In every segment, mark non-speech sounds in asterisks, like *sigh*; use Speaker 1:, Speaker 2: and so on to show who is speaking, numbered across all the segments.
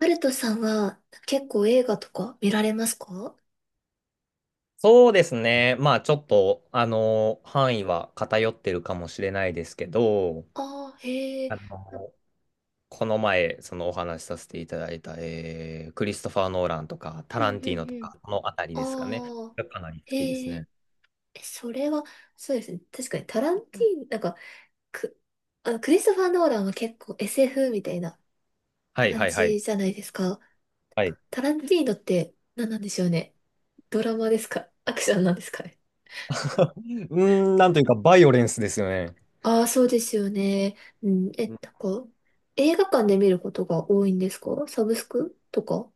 Speaker 1: ハルトさんは結構映画とか見られますか？
Speaker 2: そうですね。まあちょっと、あの、範囲は偏ってるかもしれないですけど、
Speaker 1: ああー、へえ。
Speaker 2: あの、この前、そのお話しさせていただいた、クリストファー・ノーランとか、タ
Speaker 1: うん
Speaker 2: ランテ
Speaker 1: う
Speaker 2: ィーノ
Speaker 1: ん
Speaker 2: と
Speaker 1: うん。
Speaker 2: か、このあたりですかね。
Speaker 1: ああ、
Speaker 2: がかなり好きです
Speaker 1: へえ。
Speaker 2: ね。
Speaker 1: えそれは、そうですね。確かにタランティーノ、く、クリストファー・ノーランは結構 SF みたいな
Speaker 2: はい
Speaker 1: 感
Speaker 2: はいは
Speaker 1: じ
Speaker 2: い。
Speaker 1: じゃないですか。
Speaker 2: はい。
Speaker 1: タランティーノって何なんでしょうね。ドラマですか、アクションなんですかね。
Speaker 2: *laughs* うーなんというか、バイオレンスですよね。
Speaker 1: ああ、そうですよね。うん、え、なんか、映画館で見ることが多いんですか、サブスクとか？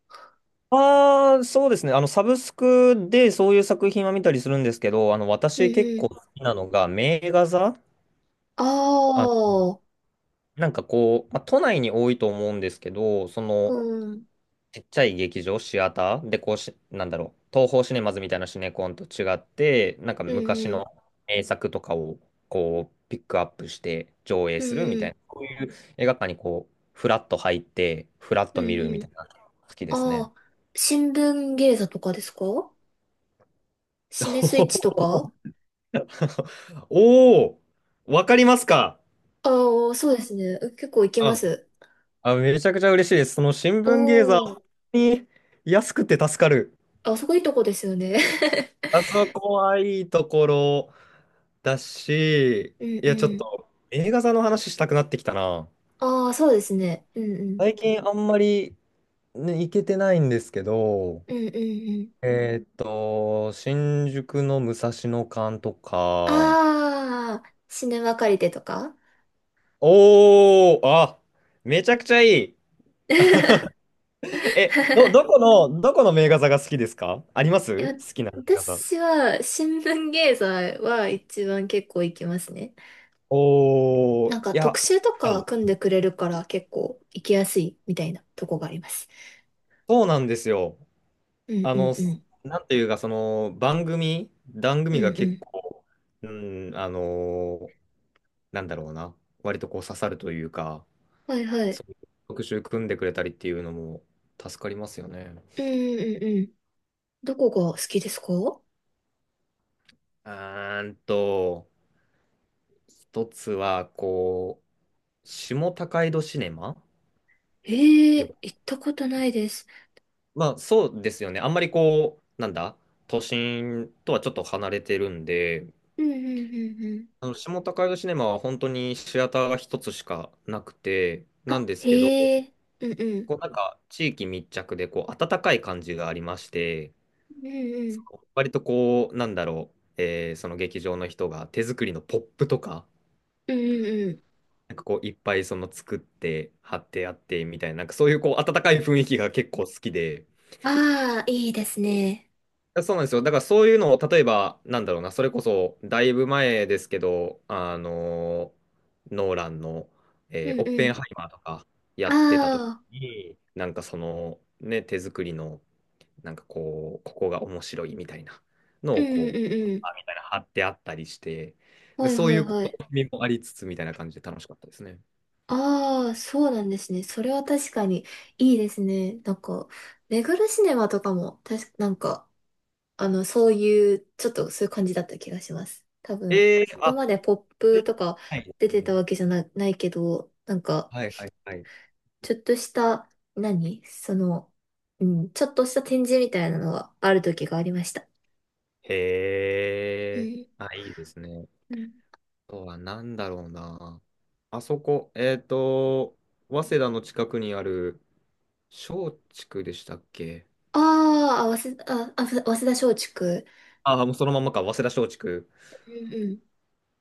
Speaker 2: ああ、そうですね。あの、サブスクでそういう作品は見たりするんですけど、
Speaker 1: う
Speaker 2: 私結構
Speaker 1: ん。
Speaker 2: 好きなのが、名画座、
Speaker 1: あ
Speaker 2: あ、
Speaker 1: あ、
Speaker 2: なんかこう、まあ、都内に多いと思うんですけど、
Speaker 1: うん、
Speaker 2: ちっちゃい劇場、シアターで、こうし、なんだろう、東宝シネマズみたいなシネコンと違って、なんか
Speaker 1: うん、
Speaker 2: 昔
Speaker 1: うん、
Speaker 2: の名作とかを、こう、ピックアップして上映
Speaker 1: う
Speaker 2: するみたい
Speaker 1: ん、
Speaker 2: な、こういう映画館にこう、フラッと入って、フラッ
Speaker 1: う
Speaker 2: と
Speaker 1: ん、う
Speaker 2: 見
Speaker 1: ん
Speaker 2: るみ
Speaker 1: う
Speaker 2: たい
Speaker 1: ん。
Speaker 2: な、好きです
Speaker 1: あ
Speaker 2: ね。
Speaker 1: あ、新聞芸座とかですか？シネスイッチと
Speaker 2: *laughs*
Speaker 1: か？
Speaker 2: おお、わかりますか。
Speaker 1: ああ、そうですね。結構行きま
Speaker 2: あ、
Speaker 1: す。
Speaker 2: あ、めちゃくちゃ嬉しいです。その新
Speaker 1: お
Speaker 2: 聞芸座、
Speaker 1: お、
Speaker 2: 本当に安くて助かる。
Speaker 1: あそこいいとこですよね。
Speaker 2: あそこはいいところだし、
Speaker 1: *laughs* うん
Speaker 2: いや、ちょっ
Speaker 1: うん。
Speaker 2: と映画座の話したくなってきたな。
Speaker 1: *laughs* ああ、そうですね。うんうん。
Speaker 2: 最近あんまり、ね、行けてないんですけど、
Speaker 1: うんうんうん。
Speaker 2: 新宿の武蔵野館とか、
Speaker 1: ああ、シネマ借りてとか？
Speaker 2: おー、あ、めちゃくちゃいい。
Speaker 1: *laughs* い
Speaker 2: どこの、どこの名画座が好きですか？あります
Speaker 1: や、
Speaker 2: 好きな名画座。
Speaker 1: 私は新聞芸座は一番結構行きますね。
Speaker 2: おー、
Speaker 1: なんか
Speaker 2: いや、
Speaker 1: 特集と
Speaker 2: は
Speaker 1: か
Speaker 2: い、
Speaker 1: 組んでくれるから結構行きやすいみたいなとこがあります。
Speaker 2: そうなんですよ。
Speaker 1: うん
Speaker 2: あ
Speaker 1: う
Speaker 2: の、
Speaker 1: んうん。
Speaker 2: なんていうか、番
Speaker 1: う
Speaker 2: 組
Speaker 1: ん
Speaker 2: が
Speaker 1: う
Speaker 2: 結
Speaker 1: ん。
Speaker 2: 構、うん、あの、なんだろうな、割とこう刺さるというか、
Speaker 1: はいは
Speaker 2: そ
Speaker 1: い。
Speaker 2: ういう特集組んでくれたりっていうのも助かりますよね。
Speaker 1: うんうんうん。どこが好きですか？
Speaker 2: うーんと、一つは、こう、下高井戸シネマ。
Speaker 1: ええ
Speaker 2: でも、
Speaker 1: ー、行ったことないです。
Speaker 2: まあ、そうですよね。あんまりこう、なんだ、都心とはちょっと離れてるんで、
Speaker 1: うんうんうんうん。
Speaker 2: あの下高井戸シネマは本当にシアターが一つしかなくて、なん
Speaker 1: あ、
Speaker 2: ですけど、
Speaker 1: へえ。うんうん。
Speaker 2: こうなんか地域密着でこう温かい感じがありまして、
Speaker 1: うんう
Speaker 2: そ
Speaker 1: ん。
Speaker 2: の割とこう、なんだろう、えーその劇場の人が手作りのポップとか、
Speaker 1: うんうんうん。
Speaker 2: なんかこういっぱいその作って貼ってあってみたいな、なんかそういうこう温かい雰囲気が結構好きで、
Speaker 1: ああ、いいですね。
Speaker 2: そうなんですよ。だからそういうのを例えば、なんだろうな、それこそだいぶ前ですけど、ノーランの、
Speaker 1: うん
Speaker 2: オッ
Speaker 1: う
Speaker 2: ペン
Speaker 1: ん。
Speaker 2: ハイマーとかや
Speaker 1: あ
Speaker 2: ってた時
Speaker 1: あ、
Speaker 2: に、なんかそのね、手作りのなんかこう、ここが面白いみたいなの
Speaker 1: うん
Speaker 2: を
Speaker 1: うん
Speaker 2: こ
Speaker 1: う
Speaker 2: う、
Speaker 1: んうん。
Speaker 2: あみたいな貼ってあったりして、で、
Speaker 1: はい
Speaker 2: そう
Speaker 1: は
Speaker 2: い
Speaker 1: い
Speaker 2: うこ
Speaker 1: はい。
Speaker 2: う意味もありつつみたいな感じで楽しかったですね。
Speaker 1: ああ、そうなんですね。それは確かにいいですね。なんか、目黒シネマとかも、たし、なんか、あの、そういう、ちょっとそういう感じだった気がします。多分、そこ
Speaker 2: あ、
Speaker 1: までポップとか
Speaker 2: はいで
Speaker 1: 出
Speaker 2: す
Speaker 1: て
Speaker 2: ね。
Speaker 1: たわけじゃな、ないけど、なんか、
Speaker 2: はいはいはい。
Speaker 1: ちょっとした、何その、うん、ちょっとした展示みたいなのはある時がありました。
Speaker 2: へ
Speaker 1: う
Speaker 2: え、
Speaker 1: ん。
Speaker 2: あ、いいですね。
Speaker 1: うん。
Speaker 2: あとは何だろうな。あそこ、えっと、早稲田の近くにある松竹でしたっけ？
Speaker 1: あーあ、早稲田、あ、あ早稲田松竹。
Speaker 2: ああ、もうそのままか、早稲田松竹。
Speaker 1: うん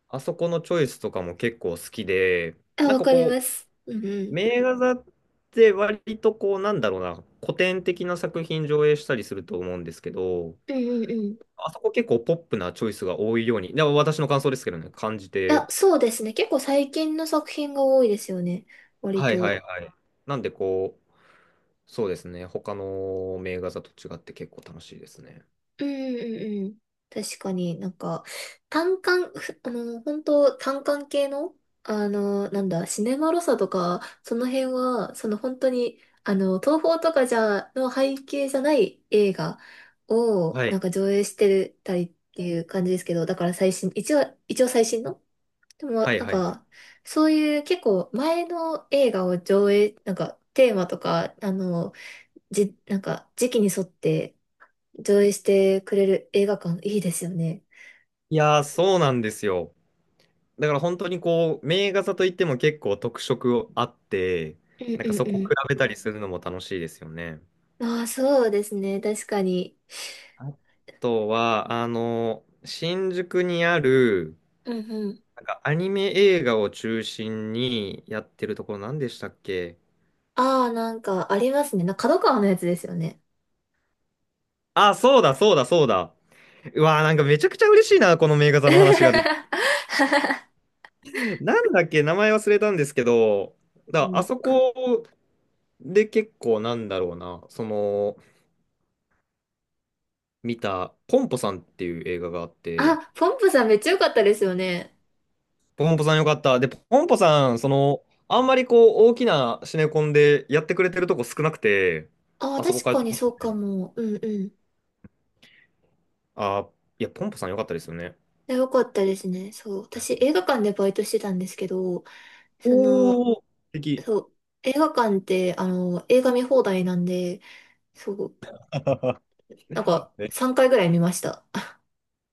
Speaker 2: あそこのチョイスとかも結構好きで、
Speaker 1: うん。あ、
Speaker 2: なん
Speaker 1: わ
Speaker 2: か
Speaker 1: かり
Speaker 2: こ
Speaker 1: ます。うんう
Speaker 2: う、
Speaker 1: ん。
Speaker 2: 名画座って割とこう、なんだろうな、古典的な作品上映したりすると思うんですけど、
Speaker 1: うんうんうん。
Speaker 2: あそこ結構ポップなチョイスが多いように、でも私の感想ですけどね、感じ
Speaker 1: い
Speaker 2: て、
Speaker 1: や、そうですね。結構最近の作品が多いですよね。割
Speaker 2: はいはい
Speaker 1: と。
Speaker 2: はい。なんでこう、そうですね、他の名画座と違って結構楽しいですね。
Speaker 1: うんうんうん。確かになんか、単館、ふあの、本当単館系の、あの、なんだ、シネマロサとか、その辺は、その本当に、東宝とかの背景じゃない映画を、
Speaker 2: は
Speaker 1: なん
Speaker 2: い。
Speaker 1: か上映してたりっていう感じですけど、だから最新、一応最新のでも、
Speaker 2: はい
Speaker 1: なん
Speaker 2: はいはい。
Speaker 1: か、そういう結構前の映画を上映、なんかテーマとか、なんか時期に沿って上映してくれる映画館いいですよね。
Speaker 2: いやー、そうなんですよ。だから本当にこう、名画座といっても結構特色あって、
Speaker 1: うん
Speaker 2: なんかそこ
Speaker 1: う
Speaker 2: 比
Speaker 1: ん
Speaker 2: べたりするのも楽しいですよね。
Speaker 1: うん。ああ、そうですね。確かに。
Speaker 2: あとは、あの、新宿にある、
Speaker 1: うんうん。
Speaker 2: なんかアニメ映画を中心にやってるところ、何でしたっけ？
Speaker 1: ああ、なんかありますね。な、角川のやつですよね。
Speaker 2: あ、そうだ、そうだ、そうだ。うわー、なんかめちゃくちゃ嬉しいな、この名画座の話ができ
Speaker 1: *laughs*
Speaker 2: て。なんだっけ、名前忘れたんですけど、
Speaker 1: う
Speaker 2: だからあ
Speaker 1: ん
Speaker 2: そ
Speaker 1: か、
Speaker 2: こで結構なんだろうな、その、見た、ポンポさんっていう映画があって、
Speaker 1: あ、ポンプさんめっちゃ良かったですよね。
Speaker 2: ポンポさんよかった。で、ポンポさん、その、あんまりこう、大きなシネコンでやってくれてるとこ少なくて、
Speaker 1: ああ、
Speaker 2: あそこ
Speaker 1: 確
Speaker 2: から
Speaker 1: かにそうかも。うんうん。
Speaker 2: あー、いや、ポンポさんよかったですよね。
Speaker 1: よかったですね。そう。私、映画館でバイトしてたんですけど、その、
Speaker 2: おー、素敵。
Speaker 1: そう、映画館って、あの、映画見放題なんで、そう、
Speaker 2: *laughs*
Speaker 1: なんか、
Speaker 2: ね
Speaker 1: 3回ぐらい見ました。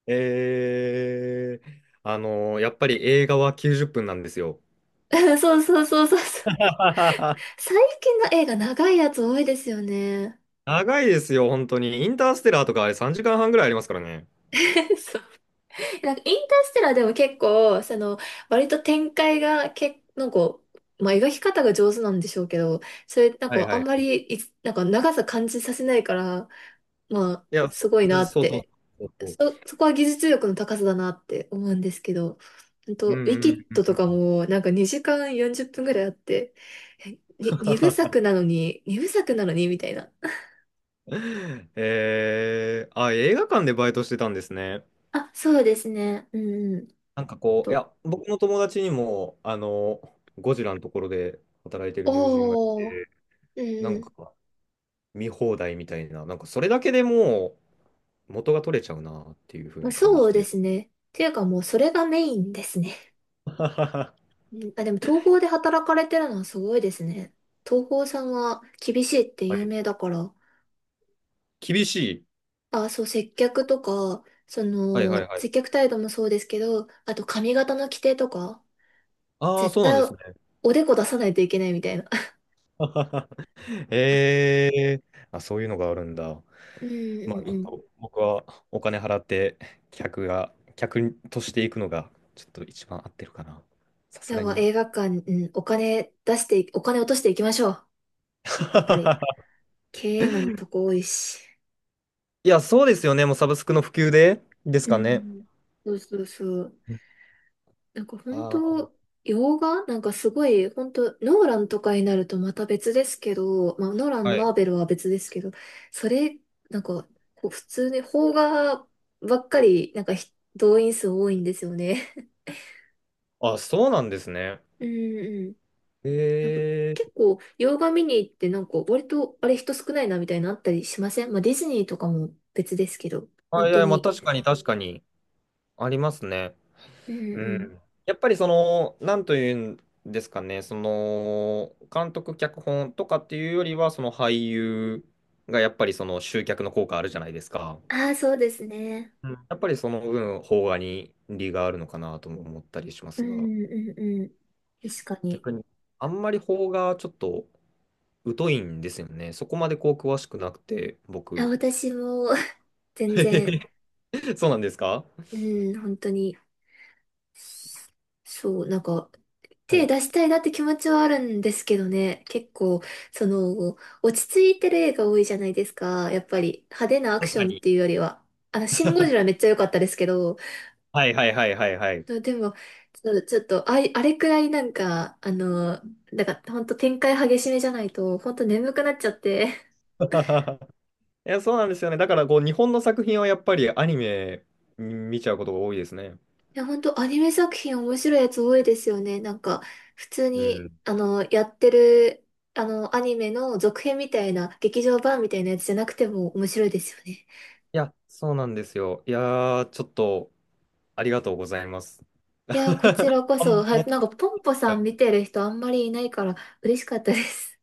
Speaker 2: えー、あのやっぱり映画は90分なんですよ。
Speaker 1: *laughs* そうそうそうそうそう。
Speaker 2: *laughs*
Speaker 1: 最近の映画長いやつ多いですよね。
Speaker 2: 長いですよ、本当に。インターステラーとかあれ3時間半ぐらいありますからね。
Speaker 1: *laughs* そう。なんか、インターステラーでも結構、割と展開が、け、なんか、まあ、描き方が上手なんでしょうけど、それ、なん
Speaker 2: はい
Speaker 1: か、あ
Speaker 2: は
Speaker 1: ん
Speaker 2: い。
Speaker 1: まりいつ、なんか、長さ感じさせないから、まあ、
Speaker 2: いや、そ
Speaker 1: すごいな
Speaker 2: う
Speaker 1: っ
Speaker 2: そうそう
Speaker 1: て。
Speaker 2: そうそう。
Speaker 1: そこは技術力の高さだなって思うんですけど、ほん
Speaker 2: う
Speaker 1: と、ウィキ
Speaker 2: ん
Speaker 1: ッ
Speaker 2: うん。
Speaker 1: ドとかもなんか2時間40分ぐらいあって、2部作なのにみたいな。
Speaker 2: えー、あ、映画館でバイトしてたんですね。
Speaker 1: あ、そうですね。うんうん。と、
Speaker 2: 僕の友達にも、ゴジラのところで働いてる友人がい
Speaker 1: おー、
Speaker 2: て、
Speaker 1: う
Speaker 2: なん
Speaker 1: ん。
Speaker 2: か見放題みたいな、なんかそれだけでもう元が取れちゃうなっていうふう
Speaker 1: まあ、
Speaker 2: に感
Speaker 1: そ
Speaker 2: じ
Speaker 1: うで
Speaker 2: て。
Speaker 1: すね。っていうかもうそれがメインですね。
Speaker 2: *laughs*
Speaker 1: うん。あ、でも東宝で働かれてるのはすごいですね。東宝さんは厳しいって
Speaker 2: は
Speaker 1: 有
Speaker 2: い。
Speaker 1: 名だから。
Speaker 2: 厳しい。
Speaker 1: 接客とか、
Speaker 2: はいはいはい。
Speaker 1: 接客態度もそうですけど、あと髪型の規定とか、
Speaker 2: ああ、
Speaker 1: 絶
Speaker 2: そうなん
Speaker 1: 対
Speaker 2: ですね。
Speaker 1: おでこ出さないといけないみたいな。
Speaker 2: ええあ、そういうのがあるんだ。
Speaker 1: *laughs* うんう
Speaker 2: まあ、ちょ
Speaker 1: んう
Speaker 2: っと
Speaker 1: ん。
Speaker 2: 僕はお金払って客が、客としていくのが、ちょっと一番合ってるかな。さす
Speaker 1: や
Speaker 2: が
Speaker 1: ば、
Speaker 2: に。
Speaker 1: 映画館、お金落としていきましょう。やっぱり。
Speaker 2: *laughs*
Speaker 1: 経営難のとこ多いし。
Speaker 2: いや、そうですよね。もうサブスクの普及でです
Speaker 1: う
Speaker 2: かね。
Speaker 1: ん。そうそうそう。なんか本
Speaker 2: あ
Speaker 1: 当、洋画なんかすごい、本当ノーランとかになるとまた別ですけど、まあ、ノーラ
Speaker 2: あ、
Speaker 1: ン、
Speaker 2: はい。
Speaker 1: マーベルは別ですけど、それ、なんか、こう普通に邦画ばっかり、なんか動員数多いんですよね。
Speaker 2: あ、そうなんですね。
Speaker 1: うんうん。なんか
Speaker 2: え
Speaker 1: 結
Speaker 2: え。
Speaker 1: 構、洋画見に行って、なんか割と、あれ人少ないなみたいなのあったりしません？まあ、ディズニーとかも別ですけど、本
Speaker 2: あ、い
Speaker 1: 当
Speaker 2: や、まあ
Speaker 1: に。
Speaker 2: 確かに確かにありますね。
Speaker 1: うん
Speaker 2: う
Speaker 1: うん。
Speaker 2: ん。やっぱりその、なんというんですかね、その、監督、脚本とかっていうよりは、その俳優がやっぱりその集客の効果あるじゃないですか。
Speaker 1: ああ、そうですね。
Speaker 2: うんやっぱりその分、邦画に利があるのかなとも思ったりしま
Speaker 1: う
Speaker 2: すが、
Speaker 1: んうんうん。確かに。
Speaker 2: 逆に、あんまり邦画ちょっと疎いんですよね。そこまでこう詳しくなくて、
Speaker 1: あ、
Speaker 2: 僕。
Speaker 1: 私も、*laughs* 全然、
Speaker 2: *laughs* そうなんですか？
Speaker 1: うん、本当に、そう、なんか、
Speaker 2: は
Speaker 1: 手
Speaker 2: い。
Speaker 1: 出したいなって気持ちはあるんですけどね、結構、その、落ち着いてる映画多いじゃないですか、やっぱり、派手なアク
Speaker 2: 確
Speaker 1: シ
Speaker 2: か
Speaker 1: ョンっ
Speaker 2: に。
Speaker 1: ていうよりは、あの、シン・ゴジラめっちゃ良かったですけど、
Speaker 2: はいはいはいはいはい。
Speaker 1: でも、ちょっと、あれ、あれくらいなんか、ほんと展開激しめじゃないと、ほんと眠くなっちゃって、
Speaker 2: *laughs* いや、そうなんですよね。だからこう、日本の作品はやっぱりアニメ見ちゃうことが多いですね。
Speaker 1: いや、本当アニメ作品面白いやつ多いですよね。なんか、普通
Speaker 2: うん。
Speaker 1: に、
Speaker 2: い
Speaker 1: あの、やってる、あの、アニメの続編みたいな、劇場版みたいなやつじゃなくても面白いですよね。
Speaker 2: や、そうなんですよ。いやー、ちょっとありがとうございます。
Speaker 1: いや、こち
Speaker 2: *laughs*
Speaker 1: らこ
Speaker 2: こ
Speaker 1: そ、
Speaker 2: ん
Speaker 1: は
Speaker 2: な
Speaker 1: い、なんか、ポンポさん見てる人あんまりいないから嬉しかったです。